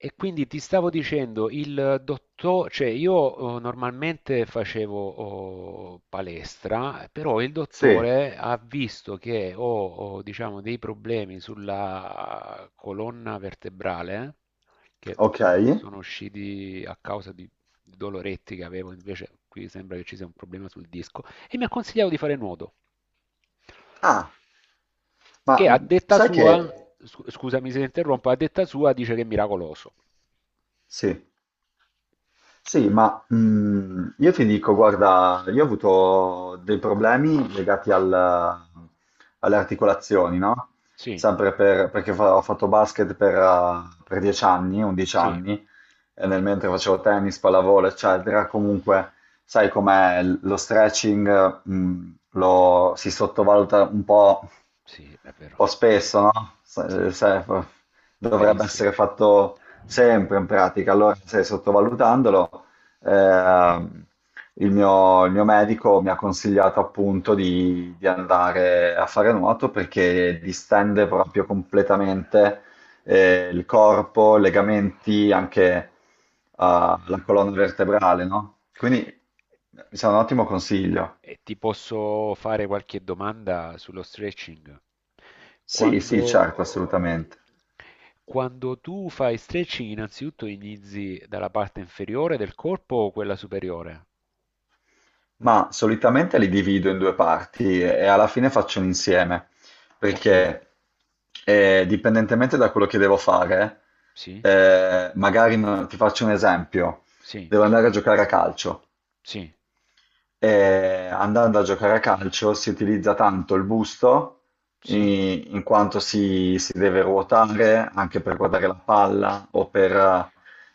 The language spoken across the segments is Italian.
E quindi ti stavo dicendo, il dottore, cioè io normalmente facevo palestra, però il Sì, dottore ha visto che ho, diciamo, dei problemi sulla colonna vertebrale, che ok. sono usciti a causa di doloretti che avevo, invece qui sembra che ci sia un problema sul disco, e mi ha consigliato di fare nuoto Ah, ma che a detta sai che... sua, scusami se interrompo, a detta sua dice che è miracoloso. Sì. Sì, ma io ti dico, guarda, io ho avuto dei problemi legati al- alle articolazioni, no? Sì, Sempre per- perché fa- ho fatto basket per 10 anni, 11 sì, anni, e nel mentre facevo tennis, pallavolo, eccetera, comunque, sai com'è, lo stretching, lo, si sottovaluta un sì, è vero. po' spesso, no? Sì, Se- se- è dovrebbe verissimo. essere fatto sempre, in pratica. Allora, se sottovalutandolo, ehm, il mio medico mi ha consigliato appunto di andare a fare nuoto perché distende proprio completamente il corpo, i legamenti, anche la colonna vertebrale, no? Quindi mi sembra un ottimo consiglio. E ti posso fare qualche domanda sullo stretching? Sì, sì, certo, Quando, assolutamente. quando tu fai stretching, innanzitutto inizi dalla parte inferiore del corpo o quella superiore? Ma solitamente li divido in due parti e alla fine faccio un insieme, Ok, perché dipendentemente da quello che devo fare, sì, magari ti faccio un esempio, sì, devo andare a giocare a calcio. sì, E andando a giocare a calcio si utilizza tanto il busto, sì, in quanto si, si deve ruotare anche per guardare la palla o per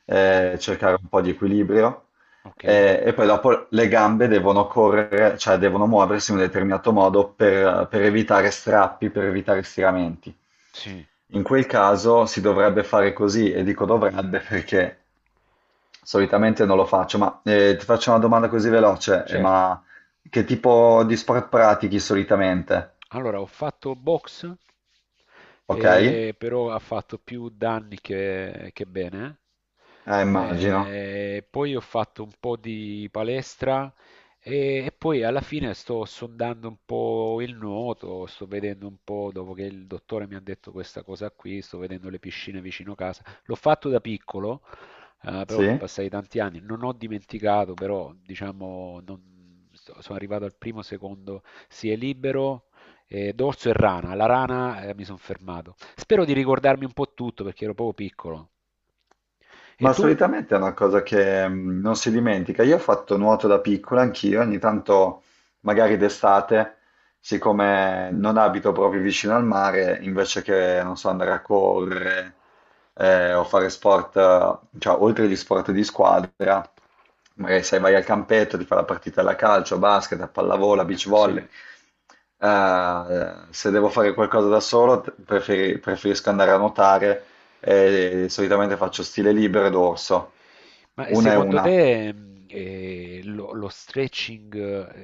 cercare un po' di equilibrio. ok, E poi dopo le gambe devono correre, cioè devono muoversi in un determinato modo per evitare strappi, per evitare stiramenti. sì, In quel caso si dovrebbe fare così, e dico dovrebbe perché solitamente non lo faccio, ma ti faccio una domanda così veloce, certo. ma che tipo di sport pratichi solitamente? Allora, ho fatto boxe, Ok? Però ha fatto più danni che bene. Immagino, Poi ho fatto un po' di palestra e poi alla fine sto sondando un po' il nuoto, sto vedendo un po', dopo che il dottore mi ha detto questa cosa qui, sto vedendo le piscine vicino casa. L'ho fatto da piccolo, però sì. passai tanti anni, non ho dimenticato, però diciamo, sono arrivato al primo, secondo, si è libero e dorso e rana. La rana, mi sono fermato. Spero di ricordarmi un po' tutto perché ero proprio piccolo. E Ma tu? solitamente è una cosa che non si dimentica. Io ho fatto nuoto da piccola anch'io, ogni tanto, magari d'estate, siccome non abito proprio vicino al mare, invece che, non so, andare a correre o fare sport, cioè oltre agli sport di squadra, magari sai, vai al campetto, ti fai la partita alla calcio, a basket, a pallavolo, a beach volley. Sì. Se devo fare qualcosa da solo, preferisco andare a nuotare e solitamente faccio stile libero ed orso. Ma Una e secondo una. te lo stretching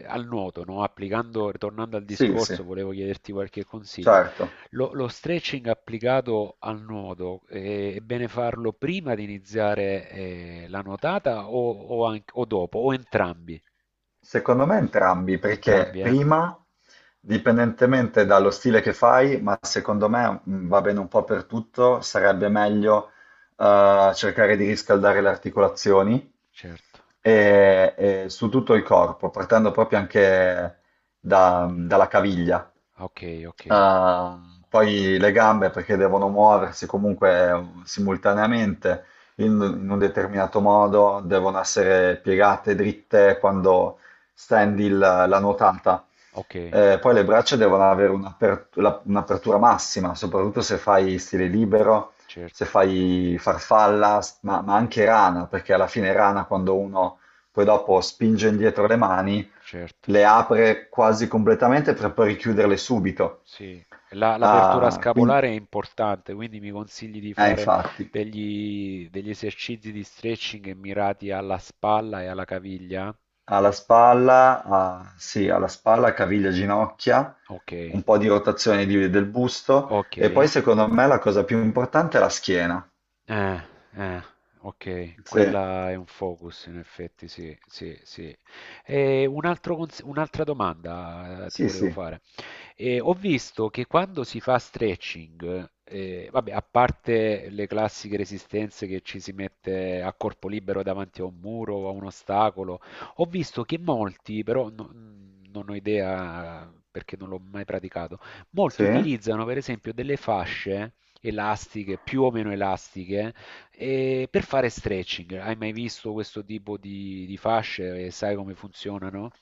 al nuoto, no? Applicando, tornando al Sì, sì, discorso, volevo chiederti qualche consiglio. certo. Lo stretching applicato al nodo, è bene farlo prima di iniziare, la nuotata o o dopo, o entrambi? Secondo me entrambi, perché Entrambi, eh? prima, dipendentemente dallo stile che fai, ma secondo me va bene un po' per tutto, sarebbe meglio cercare di riscaldare le articolazioni Certo. E su tutto il corpo, partendo proprio anche dalla caviglia. Ok, ok, Ah, poi le gambe perché devono muoversi comunque simultaneamente in, in un determinato modo, devono essere piegate dritte quando stendi la nuotata. ok, Poi le braccia devono avere un'apertura massima, soprattutto se fai stile libero, se certo, fai farfalla, ma anche rana, perché alla fine rana quando uno poi dopo spinge indietro le mani certo. le apre quasi completamente per poi richiuderle subito. Sì, l'apertura Ah, quin- scapolare è importante, quindi mi consigli di fare infatti, degli esercizi di stretching mirati alla spalla e alla caviglia? alla spalla, ah, sì, alla spalla, caviglia, ginocchia, Ok, un po' di rotazione del busto ok. e poi secondo me la cosa più importante è la schiena. eh, ok, Sì, quella è un focus in effetti, sì. E un altro un'altra domanda ti sì, volevo sì, fare. E ho visto che quando si fa stretching, vabbè, a parte le classiche resistenze che ci si mette a corpo libero davanti a un muro o a un ostacolo, ho visto che molti, però non ho idea perché non l'ho mai praticato, molti sì. utilizzano per esempio delle fasce elastiche, più o meno elastiche, per fare stretching. Hai mai visto questo tipo di fasce e sai come funzionano?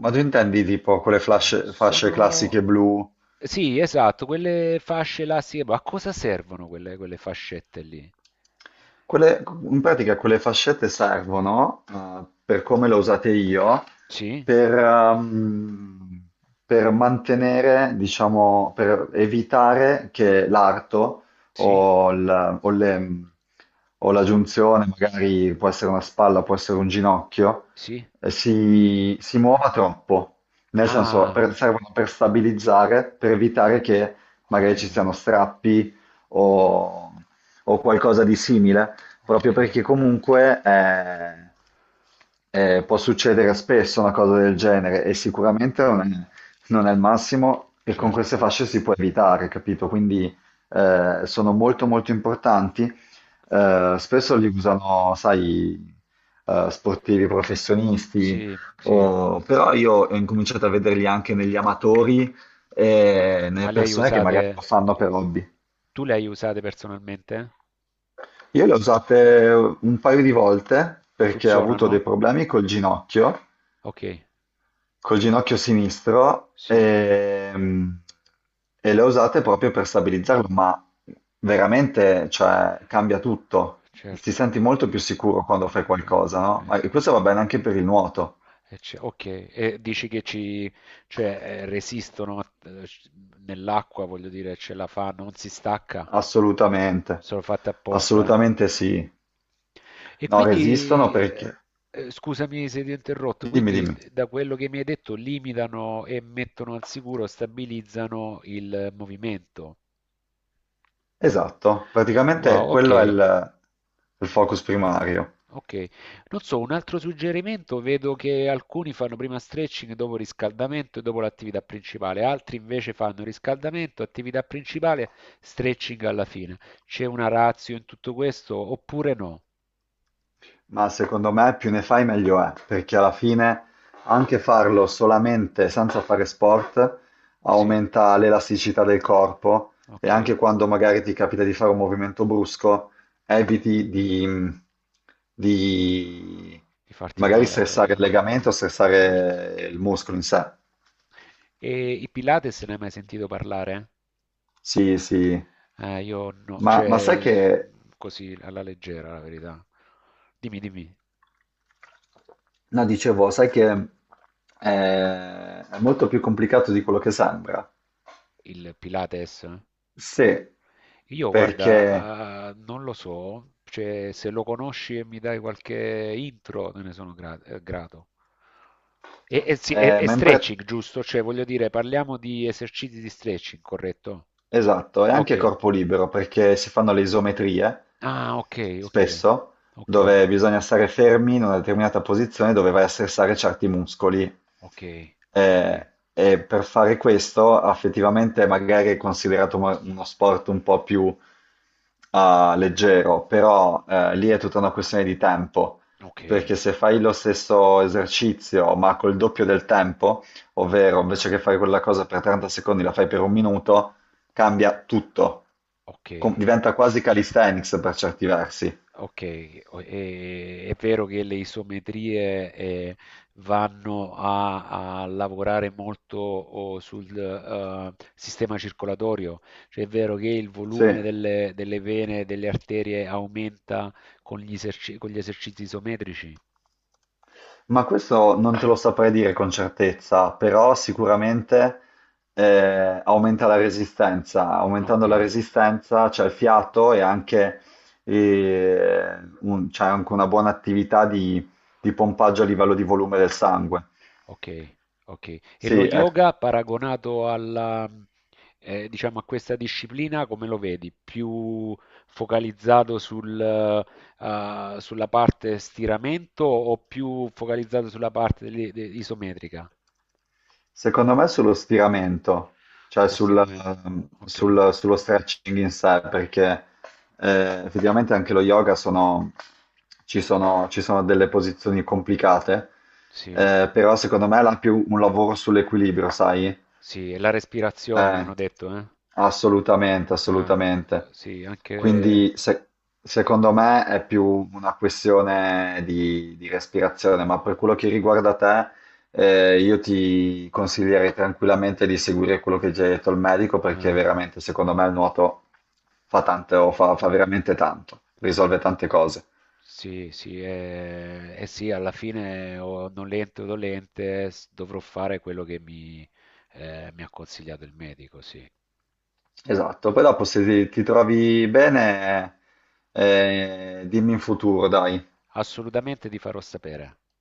Ma tu intendi tipo fasce classiche Sono blu? Sì, esatto, quelle fasce là, sì, ma a cosa servono quelle fascette lì? Quelle- in pratica quelle fascette servono, per come le ho usate io, Sì, per, ehm, per mantenere, diciamo, per evitare che l'arto sì, o, il- o le- o la giunzione, magari può essere una spalla, può essere un ginocchio, sì. Si, si muova troppo. Nel senso, Ah, servono per stabilizzare, per evitare che ok, magari ci siano strappi o ok, qualcosa di simile, proprio ok, perché comunque può succedere spesso una cosa del genere e sicuramente non è, non è il massimo e con certo. queste fasce si può evitare, capito? Quindi sono molto molto importanti. Spesso li usano, sai, sportivi professionisti, Sì, sì. Però io ho incominciato a vederli anche negli amatori e Ma nelle le hai persone che usate, magari lo fanno per hobby. tu le hai usate personalmente? Io le ho usate un paio di volte E perché ho avuto funzionano? dei problemi Ok, col ginocchio sinistro, sì, e le ho usate proprio per stabilizzarlo, ma veramente, cioè, cambia tutto. Ti certo. senti molto più sicuro quando fai Ok, qualcosa, no? Ma e ok. questo va bene anche per il nuoto, Ok, e dici che ci, cioè, resistono nell'acqua, voglio dire, ce la fa, non si stacca, assolutamente, sono fatte apposta, eh? assolutamente sì. E No, resistono quindi, perché... scusami se ti ho interrotto, Dimmi, quindi dimmi. Da quello che mi hai detto limitano e mettono al sicuro, stabilizzano il movimento. Esatto, praticamente Wow, quello è ok. Il focus primario. Ok, non so, un altro suggerimento, vedo che alcuni fanno prima stretching dopo riscaldamento e dopo l'attività principale, altri invece fanno riscaldamento, attività principale, stretching alla fine. C'è una ratio in tutto questo oppure no? Ma secondo me più ne fai meglio è, perché alla fine anche farlo solamente senza fare sport Sì, aumenta l'elasticità del corpo e ok, anche quando magari ti capita di fare un movimento brusco, eviti di, di di farti magari male stressare il praticamente, legamento o eh. Certo. stressare il muscolo in sé. E i Pilates ne hai mai sentito parlare? Sì, sì. Io no, Ma, ma sai cioè che, così alla leggera la verità. Dimmi, dimmi, no, dicevo, sai che è molto più complicato di quello che sembra. il Pilates? Eh? Sì, Io, perché guarda, non lo so, cioè, se lo conosci e mi dai qualche intro, te ne sono grato. E sì, e- e mentre stretching, giusto? Cioè, voglio dire, parliamo di esercizi di stretching, corretto? esatto, e anche Ok. corpo libero perché si fanno le isometrie Ah, spesso ok, dove bisogna stare fermi in una determinata posizione dove vai a stressare certi muscoli. ok, ok, Eh, e per fare questo effettivamente magari è considerato uno sport un po' più ah, leggero, però lì è tutta una questione di tempo, ok, perché se fai lo stesso esercizio ma col doppio del tempo, ovvero invece che fare quella cosa per 30 secondi la fai per un minuto, cambia tutto. ok. Diventa quasi calisthenics per certi versi. Ok, è vero che le isometrie vanno a lavorare molto sul sistema circolatorio, cioè è vero che il Sì, volume delle vene e delle arterie aumenta con gli con gli esercizi isometrici? ma questo non te lo saprei dire con certezza, però sicuramente aumenta la resistenza, aumentando Ok. la resistenza c'è il fiato e anche, c'è anche una buona attività di pompaggio a livello di volume del sangue. Okay, okay. E lo Sì, è yoga paragonato alla diciamo a questa disciplina come lo vedi? Più focalizzato sul sulla parte stiramento o più focalizzato sulla parte dell'i de isometrica? secondo me sullo stiramento, cioè Sullo sul- stiramento. Okay. sul- sullo stretching in sé, perché effettivamente anche lo yoga sono, ci sono, ci sono delle posizioni complicate, Sì, però secondo me è la più un lavoro sull'equilibrio, sai? sì, e la respirazione mi hanno Eh, detto, eh. assolutamente, Eh, assolutamente. sì, anche Quindi se- secondo me è più una questione di respirazione, ma per quello che riguarda te, io ti consiglierei tranquillamente di seguire quello che già hai detto al medico perché eh. veramente, secondo me, il nuoto fa tanto, fa, fa veramente tanto, risolve tante cose. Sì, sì, eh sì, alla fine o nolente o dolente dovrò fare quello che mi ha consigliato il medico, sì. Esatto, poi dopo se ti, ti trovi bene, dimmi in futuro, dai. Assolutamente ti farò sapere.